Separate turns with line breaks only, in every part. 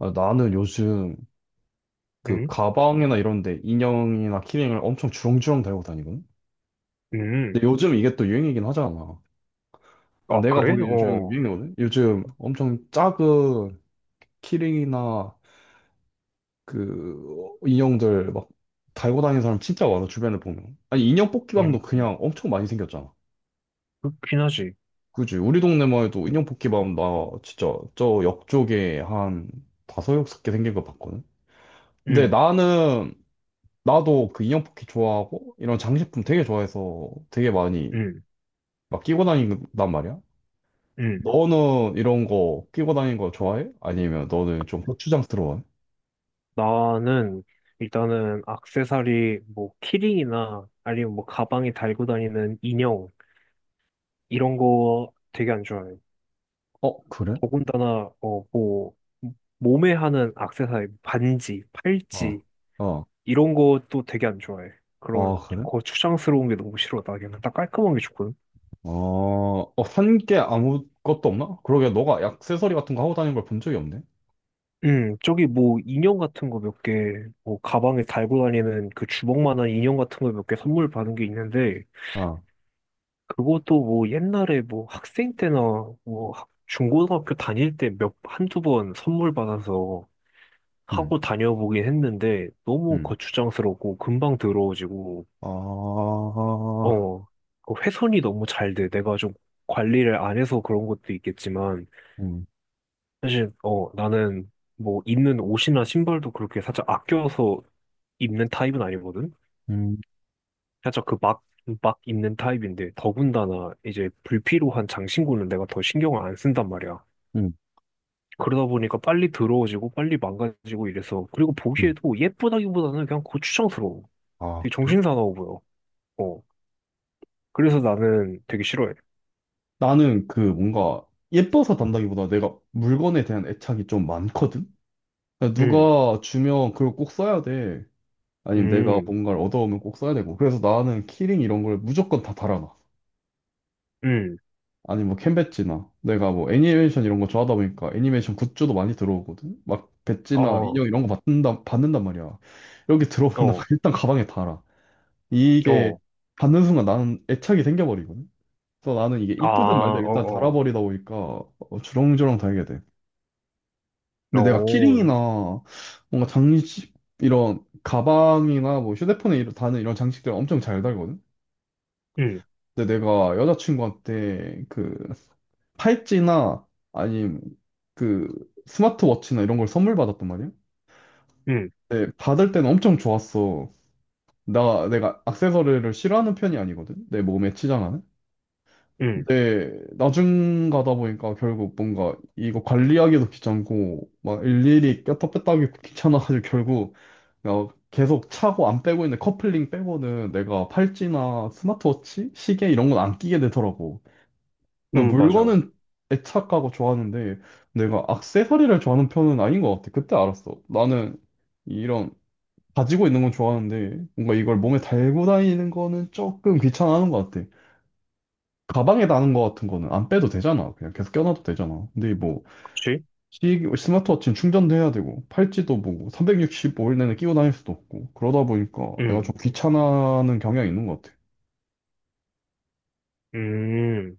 아, 나는 요즘 그
음,
가방이나 이런 데 인형이나 키링을 엄청 주렁주렁 달고 다니거든? 근데
음.
요즘 이게 또 유행이긴 하잖아.
아,
내가
그래?
보기에 요즘
어,
유행이거든? 요즘 엄청 작은 키링이나 그 인형들 막 달고 다니는 사람 진짜 많아, 주변에 보면. 아니, 인형 뽑기방도
음,
그냥 엄청 많이 생겼잖아.
그렇긴 하지.
그지? 우리 동네만 해도 인형 뽑기방 나 진짜 저 역 쪽에 한 다섯, 여섯 개 생긴 거 봤거든? 근데
음,
나는 나도 그 인형 포켓 좋아하고 이런 장식품 되게 좋아해서 되게 많이
음,
막 끼고 다닌단 말이야.
음.
너는 이런 거 끼고 다니는 거 좋아해? 아니면 너는 좀 고추장스러워해?
나는 일단은 악세사리, 뭐, 키링이나 아니면 뭐, 가방에 달고 다니는 인형, 이런 거 되게 안 좋아해.
어, 그래?
더군다나, 뭐, 몸에 하는 악세사리, 반지,
어,
팔찌,
어,
이런 것도 되게 안 좋아해. 그런,
어, 그래?
거 추상스러운 게 너무 싫어. 나 그냥 딱 깔끔한 게 좋거든.
어, 어, 산 게 아무것도 없나? 그러게 너가 액세서리 같은 거 하고 다니는 걸 본 적이 없네.
저기 뭐 인형 같은 거 몇 개, 뭐 가방에 달고 다니는 그 주먹만한 인형 같은 거 몇 개 선물 받은 게 있는데,
아,
그것도 뭐 옛날에 뭐 학생 때나 뭐 중고등학교 다닐 때 한두 번 선물 받아서
음,
하고 다녀보긴 했는데, 너무
음.
거추장스럽고 금방 더러워지고,
아,
어, 그 훼손이 너무 잘 돼. 내가 좀 관리를 안 해서 그런 것도 있겠지만,
음,
사실, 나는 뭐 입는 옷이나 신발도 그렇게 살짝 아껴서 입는 타입은 아니거든?
음,
살짝 그 막, 막 입는 타입인데, 더군다나 이제 불필요한 장신구는 내가 더 신경을 안 쓴단 말이야.
음,
그러다 보니까 빨리 더러워지고, 빨리 망가지고 이래서, 그리고
음.
보기에도 예쁘다기보다는 그냥 고추장스러워.
아,
되게
그래?
정신사나워 보여. 어. 그래서 나는 되게 싫어해.
나는 그 뭔가 예뻐서 단다기보다 내가 물건에 대한 애착이 좀 많거든? 그냥
응,
누가 주면 그걸 꼭 써야 돼. 아니면 내가
응,
뭔가를 얻어오면 꼭 써야 되고. 그래서 나는 키링 이런 걸 무조건 다 달아놔.
응,
아니 뭐 캔배지나 내가 뭐 애니메이션 이런 거 좋아하다 보니까 애니메이션 굿즈도 많이 들어오거든. 막 배지나
어,
인형 이런 거 받는다 받는단 말이야. 여기 들어오면 나
어,
일단 가방에 달아. 이게
어,
받는 순간 나는 애착이 생겨버리거든. 그래서 나는 이게
아,
이쁘든 말든 일단
어,
달아버리다 보니까 주렁주렁 달게 돼.
어,
근데 내가
어,
키링이나 뭔가 장식 이런 가방이나 뭐 휴대폰에 이런 다는 이런 장식들 엄청 잘 달거든.
응,
근데 내가 여자친구한테 그 팔찌나 아니면 그 스마트워치나 이런 걸 선물 받았단 말이야.
응,
근데 받을 때는 엄청 좋았어. 나 내가 액세서리를 싫어하는 편이 아니거든. 내 몸에 치장하는.
응,
근데 나중 가다 보니까 결국 뭔가 이거 관리하기도 귀찮고 막 일일이 꼈다 뺐다 하기 귀찮아가지고 결국 계속 차고 안 빼고 있는 커플링 빼고는 내가 팔찌나 스마트워치, 시계 이런 건 안 끼게 되더라고. 그러니까
응, 맞아.
물건은 애착하고 좋아하는데 내가 액세서리를 좋아하는 편은 아닌 것 같아. 그때 알았어. 나는 이런 가지고 있는 건 좋아하는데 뭔가 이걸 몸에 달고 다니는 거는 조금 귀찮아하는 것 같아. 가방에다 하는 거 같은 거는 안 빼도 되잖아. 그냥 계속 껴놔도 되잖아. 근데 뭐,
그치?
스마트워치는 충전도 해야 되고, 팔찌도 뭐, 365일 내내 끼고 다닐 수도 없고, 그러다 보니까 내가
응,
좀 귀찮아하는 경향이 있는 것 같아.
음.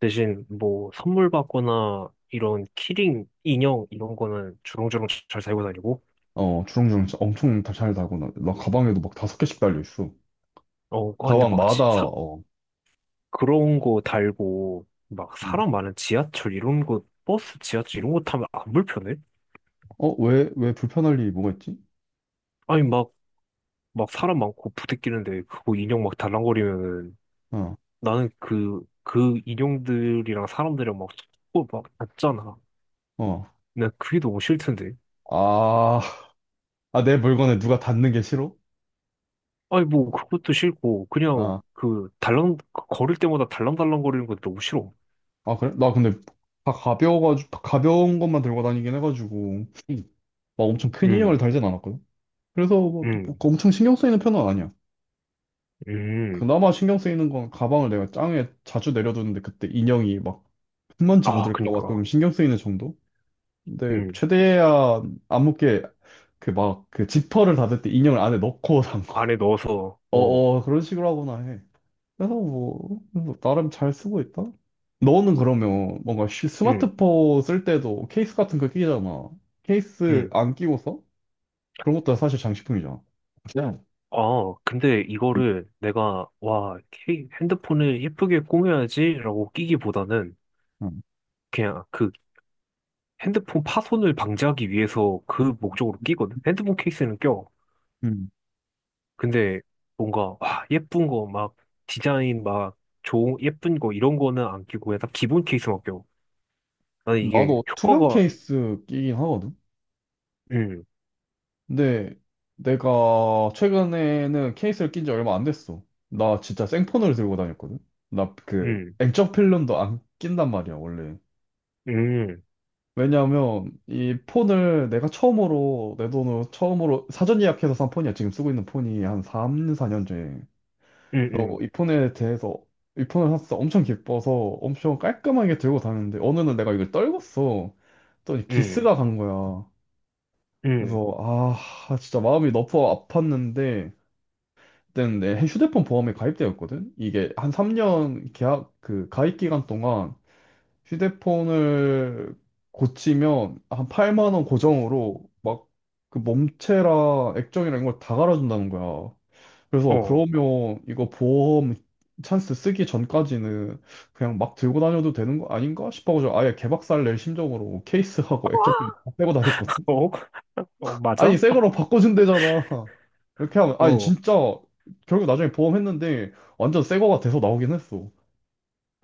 대신 뭐 선물 받거나 이런 키링, 인형 이런 거는 주렁주렁 잘 살고 다니고.
어, 주렁주렁 진짜 엄청 다 잘 달고, 나 가방에도 막 다섯 개씩 달려있어.
어, 아, 근데 막
가방마다, 어,
그런 거 달고 막
음.
사람 많은 지하철 이런 거 버스 지하철 이런 거 타면 안 불편해?
어, 왜 불편할 일이 뭐가 있지?
아니 막 막 사람 많고 부대끼는데 그거 인형 막 달랑거리면은
어,
나는 그 인형들이랑 사람들이랑 막 자꾸 막 닿잖아.
어.
난 그게 너무 싫던데.
아, 아, 내 물건에 누가 닿는 게 싫어?
아니 뭐 그것도 싫고 그냥
아,
그 달랑 그 걸을 때마다 달랑달랑거리는 것도 너무 싫어.
아, 그래? 나 근데 다 가벼워가지고, 다 가벼운 것만 들고 다니긴 해가지고. 막 엄청 큰 인형을
음,
달진 않았거든. 그래서 뭐
음,
그 엄청 신경 쓰이는 편은 아니야.
음.
그나마 신경 쓰이는 건 가방을 내가 짱에 자주 내려두는데 그때 인형이 막 흙먼지
아,
묻을까 봐 좀
그니까.
신경 쓰이는 정도? 근데
음.
최대한 안 묻게 그 막 그 지퍼를 닫을 때 인형을 안에 넣고 산 거.
안에 넣어서, 어,
어어 그런 식으로 하거나 해. 그래서 뭐 나름 잘 쓰고 있다. 너는 그러면 뭔가
음,
스마트폰 쓸 때도 케이스 같은 거 끼잖아. 케이스
음.
안 끼고 서? 그런 것도 사실 장식품이잖아. 그냥.
아, 근데 이거를 내가, 와, 핸드폰을 예쁘게 꾸며야지라고 끼기보다는
음.
그냥 그 핸드폰 파손을 방지하기 위해서 그 목적으로 끼거든? 핸드폰 케이스는 껴.
음.
근데 뭔가, 와, 예쁜 거, 막, 디자인, 막, 좋은, 예쁜 거, 이런 거는 안 끼고 그냥 딱 기본 케이스만 껴. 나는 이게
나도 투명
효과가,
케이스 끼긴 하거든.
음,
근데 내가 최근에는 케이스를 낀 지 얼마 안 됐어. 나 진짜 생폰을 들고 다녔거든. 나 그
음,
액정 필름도 안 낀단 말이야, 원래.
음,
왜냐하면 이 폰을 내가 처음으로 내 돈으로 처음으로 사전 예약해서 산 폰이야. 지금 쓰고 있는 폰이 한 3, 4년째.
음,
그래서
음.
이 폰에 대해서 이 폰을 샀어. 엄청 기뻐서 엄청 깔끔하게 들고 다녔는데 어느 날 내가 이걸 떨궜어. 또
음.
기스가 간 거야.
음,
그래서 아 진짜 마음이 너무 아팠는데 그때는 내 휴대폰 보험에 가입되었거든. 이게 한 3년 계약 그 가입 기간 동안 휴대폰을 고치면 한 8만 원 고정으로 막 그 몸체랑 액정이랑 이걸 다 갈아준다는 거야.
어,
그래서
어,
그러면 이거 보험 찬스 쓰기 전까지는 그냥 막 들고 다녀도 되는 거 아닌가 싶어가지고 아예 개박살 낼 심정으로 케이스하고 액정필 다 빼고 다녔거든.
어,
아니
맞아?
새 거로 바꿔준대잖아. 이렇게 하면 아니
어,
진짜 결국 나중에 보험했는데 완전 새 거가 돼서 나오긴 했어.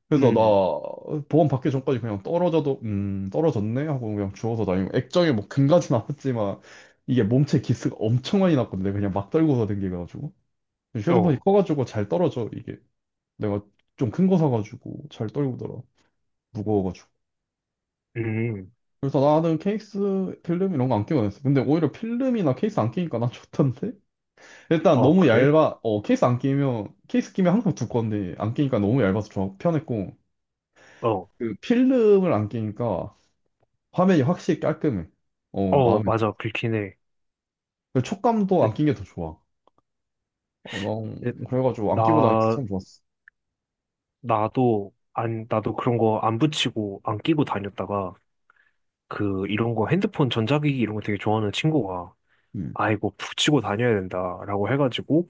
그래서
음,
나 보험 받기 전까지 그냥 떨어져도 떨어졌네 하고 그냥 주워서 다니고 액정에 뭐 금까지 나왔지만 이게 몸체 기스가 엄청 많이 났거든 내가 그냥 막 떨고서 댕겨가지고 휴대폰이
어,
커가지고 잘 떨어져 이게 내가 좀 큰 거 사가지고 잘 떨구더라 무거워가지고
음,
그래서 나는 케이스 필름 이런 거 안 끼고 다녔어 근데 오히려 필름이나 케이스 안 끼니까 난 좋던데 일단
어,
너무
그래?
얇아, 어, 케이스 안 끼면, 케이스 끼면 항상 두꺼운데, 안 끼니까 너무 얇아서 좋아, 편했고,
어,
그 필름을 안 끼니까 화면이 확실히 깔끔해. 어,
어,
마음에
맞아,
들어.
그렇긴 해.
그 촉감도
네,
안 낀 게 더 좋아. 어, 무
네,
그래가지고 안 끼고 다니면서
나,
참 좋았어.
나도, 안, 나도 그런 거 안 붙이고, 안 끼고 다녔다가, 그, 이런 거 핸드폰 전자기기 이런 거 되게 좋아하는 친구가,
음,
아, 이거 붙이고 다녀야 된다라고 해가지고,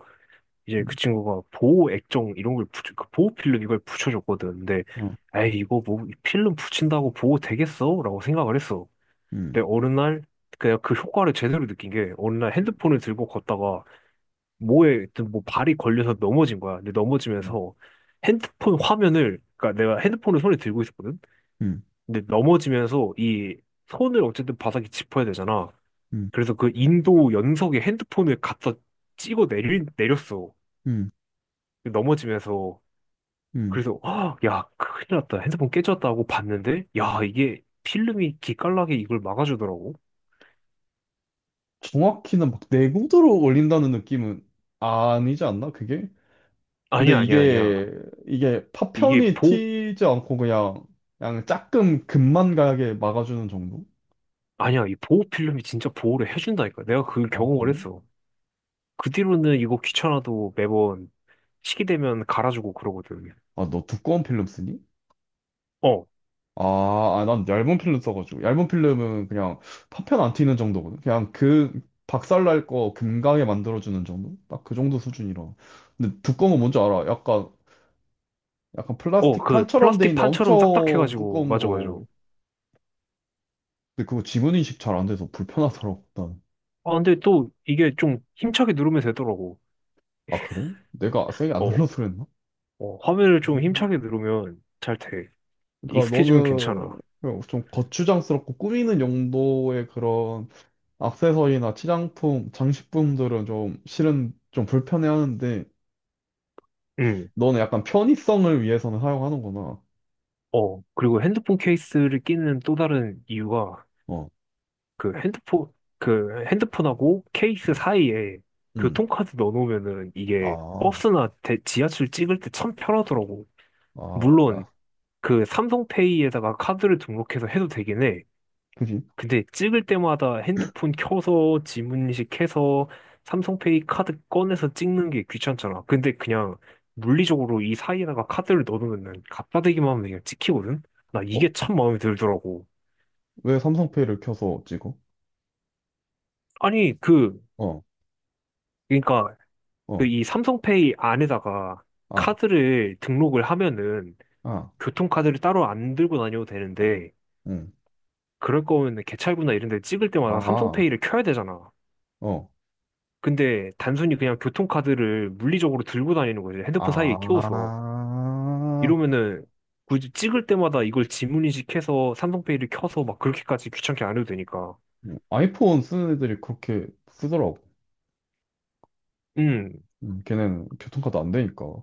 이제 그
음,
친구가 보호 액정 이런 걸 붙여, 그 보호 필름 이걸 붙여줬거든. 근데,
어,
에이, 이거 뭐, 필름 붙인다고 보호 되겠어? 라고 생각을 했어.
음,
근데 어느 날 그냥 그 효과를 제대로 느낀 게 어느 날 핸드폰을 들고 걷다가 뭐에 하여튼 뭐 발이 걸려서 넘어진 거야. 근데
음,
넘어지면서 핸드폰 화면을, 그러니까 내가 핸드폰을 손에 들고 있었거든.
음,
근데 넘어지면서 이 손을 어쨌든 바닥에 짚어야 되잖아.
음,
그래서 그 인도 연석에 핸드폰을 갖다 찍어 내렸어.
음.
넘어지면서.
음.
그래서 아, 야 큰일 났다. 핸드폰 깨졌다고 봤는데 야 이게 필름이 기깔나게 이걸 막아주더라고.
정확히는 막 내구도로 올린다는 느낌은 아니지 않나, 그게? 근데
아니야 아니야 아니야.
이게
이게
파편이
보호
튀지 않고 그냥 그냥 조금 금만 가게 막아주는 정도?
아니야, 이 보호 필름이 진짜 보호를 해준다니까. 내가 그
아,
경험을
그래?
했어. 그 뒤로는 이거 귀찮아도 매번 시기 되면 갈아주고 그러거든.
아, 너 두꺼운 필름 쓰니?
어,
아, 아, 난 얇은 필름 써가지고 얇은 필름은 그냥 파편 안 튀는 정도거든. 그냥 그 박살날 거 금가게 만들어주는 정도? 딱 그 정도 수준이라. 근데 두꺼운 거 뭔지 알아? 약간
어,
플라스틱
그
판처럼 돼
플라스틱
있는
판처럼
엄청
딱딱해가지고.
두꺼운
맞아, 맞아.
거. 근데 그거 지문 인식 잘 안 돼서 불편하더라고. 난.
아, 근데 또 이게 좀 힘차게 누르면 되더라고.
아, 그래? 내가 세게 안
어,
눌러서 그랬나?
어, 화면을 좀 힘차게 누르면 잘 돼.
그러니까
익숙해지면 괜찮아.
너는 좀 거추장스럽고 꾸미는 용도의 그런 액세서리나 치장품, 장식품들은 좀 실은 좀 불편해하는데
응,
너는 약간 편의성을 위해서는 사용하는구나.
어. 그리고 핸드폰 케이스를 끼는 또 다른 이유가,
어,
그 핸드폰 그 핸드폰하고 케이스 사이에
음.
교통카드 넣어놓으면은 이게
아,
버스나 지하철 찍을 때 참 편하더라고.
아,
물론
아,
그 삼성페이에다가 카드를 등록해서 해도 되긴 해.
그지?
근데 찍을 때마다 핸드폰 켜서 지문인식해서 삼성페이 카드 꺼내서 찍는 게 귀찮잖아. 근데 그냥 물리적으로 이 사이에다가 카드를 넣어놓으면 갖다 대기만 하면 그냥 찍히거든. 나
어,
이게 참 마음에 들더라고.
왜 삼성페이를 켜서 찍어?
아니 그
어,
그러니까 그
어,
이 삼성페이 안에다가
아,
카드를 등록을 하면은
아,
교통카드를 따로 안 들고 다녀도 되는데,
응,
그럴 거면 개찰구나 이런 데 찍을 때마다
아,
삼성페이를 켜야 되잖아.
어,
근데 단순히 그냥 교통카드를 물리적으로 들고 다니는 거지. 핸드폰 사이에 끼워서.
아,
이러면은 굳이 찍을 때마다 이걸 지문인식해서 삼성페이를 켜서 막 그렇게까지 귀찮게 안 해도 되니까.
아이폰 쓰는 애들이 그렇게 쓰더라고.
음.
걔는 교통카드 안 되니까.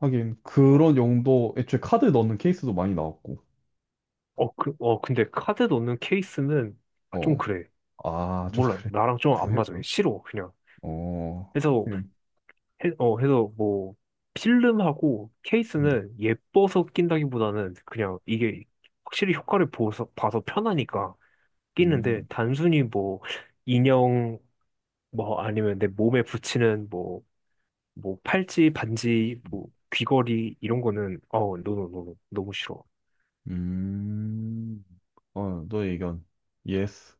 하긴
어,
그런 용도 애초에 카드 넣는 케이스도 많이 나왔고
어, 근데 카드 넣는 케이스는 아, 좀
어
그래.
아 좀
몰라.
그래
나랑 좀 안 맞아.
구해보요
싫어. 그냥.
어
그래서
그냥
해서 뭐 필름하고 케이스는 예뻐서 낀다기보다는 그냥 이게 확실히 효과를 봐서 편하니까 끼는데, 단순히 뭐 인형 뭐 아니면 내 몸에 붙이는 뭐 뭐 팔찌 반지 뭐 귀걸이 이런 거는 어 노노노 너무 싫어.
음음음어너 의 의견 예스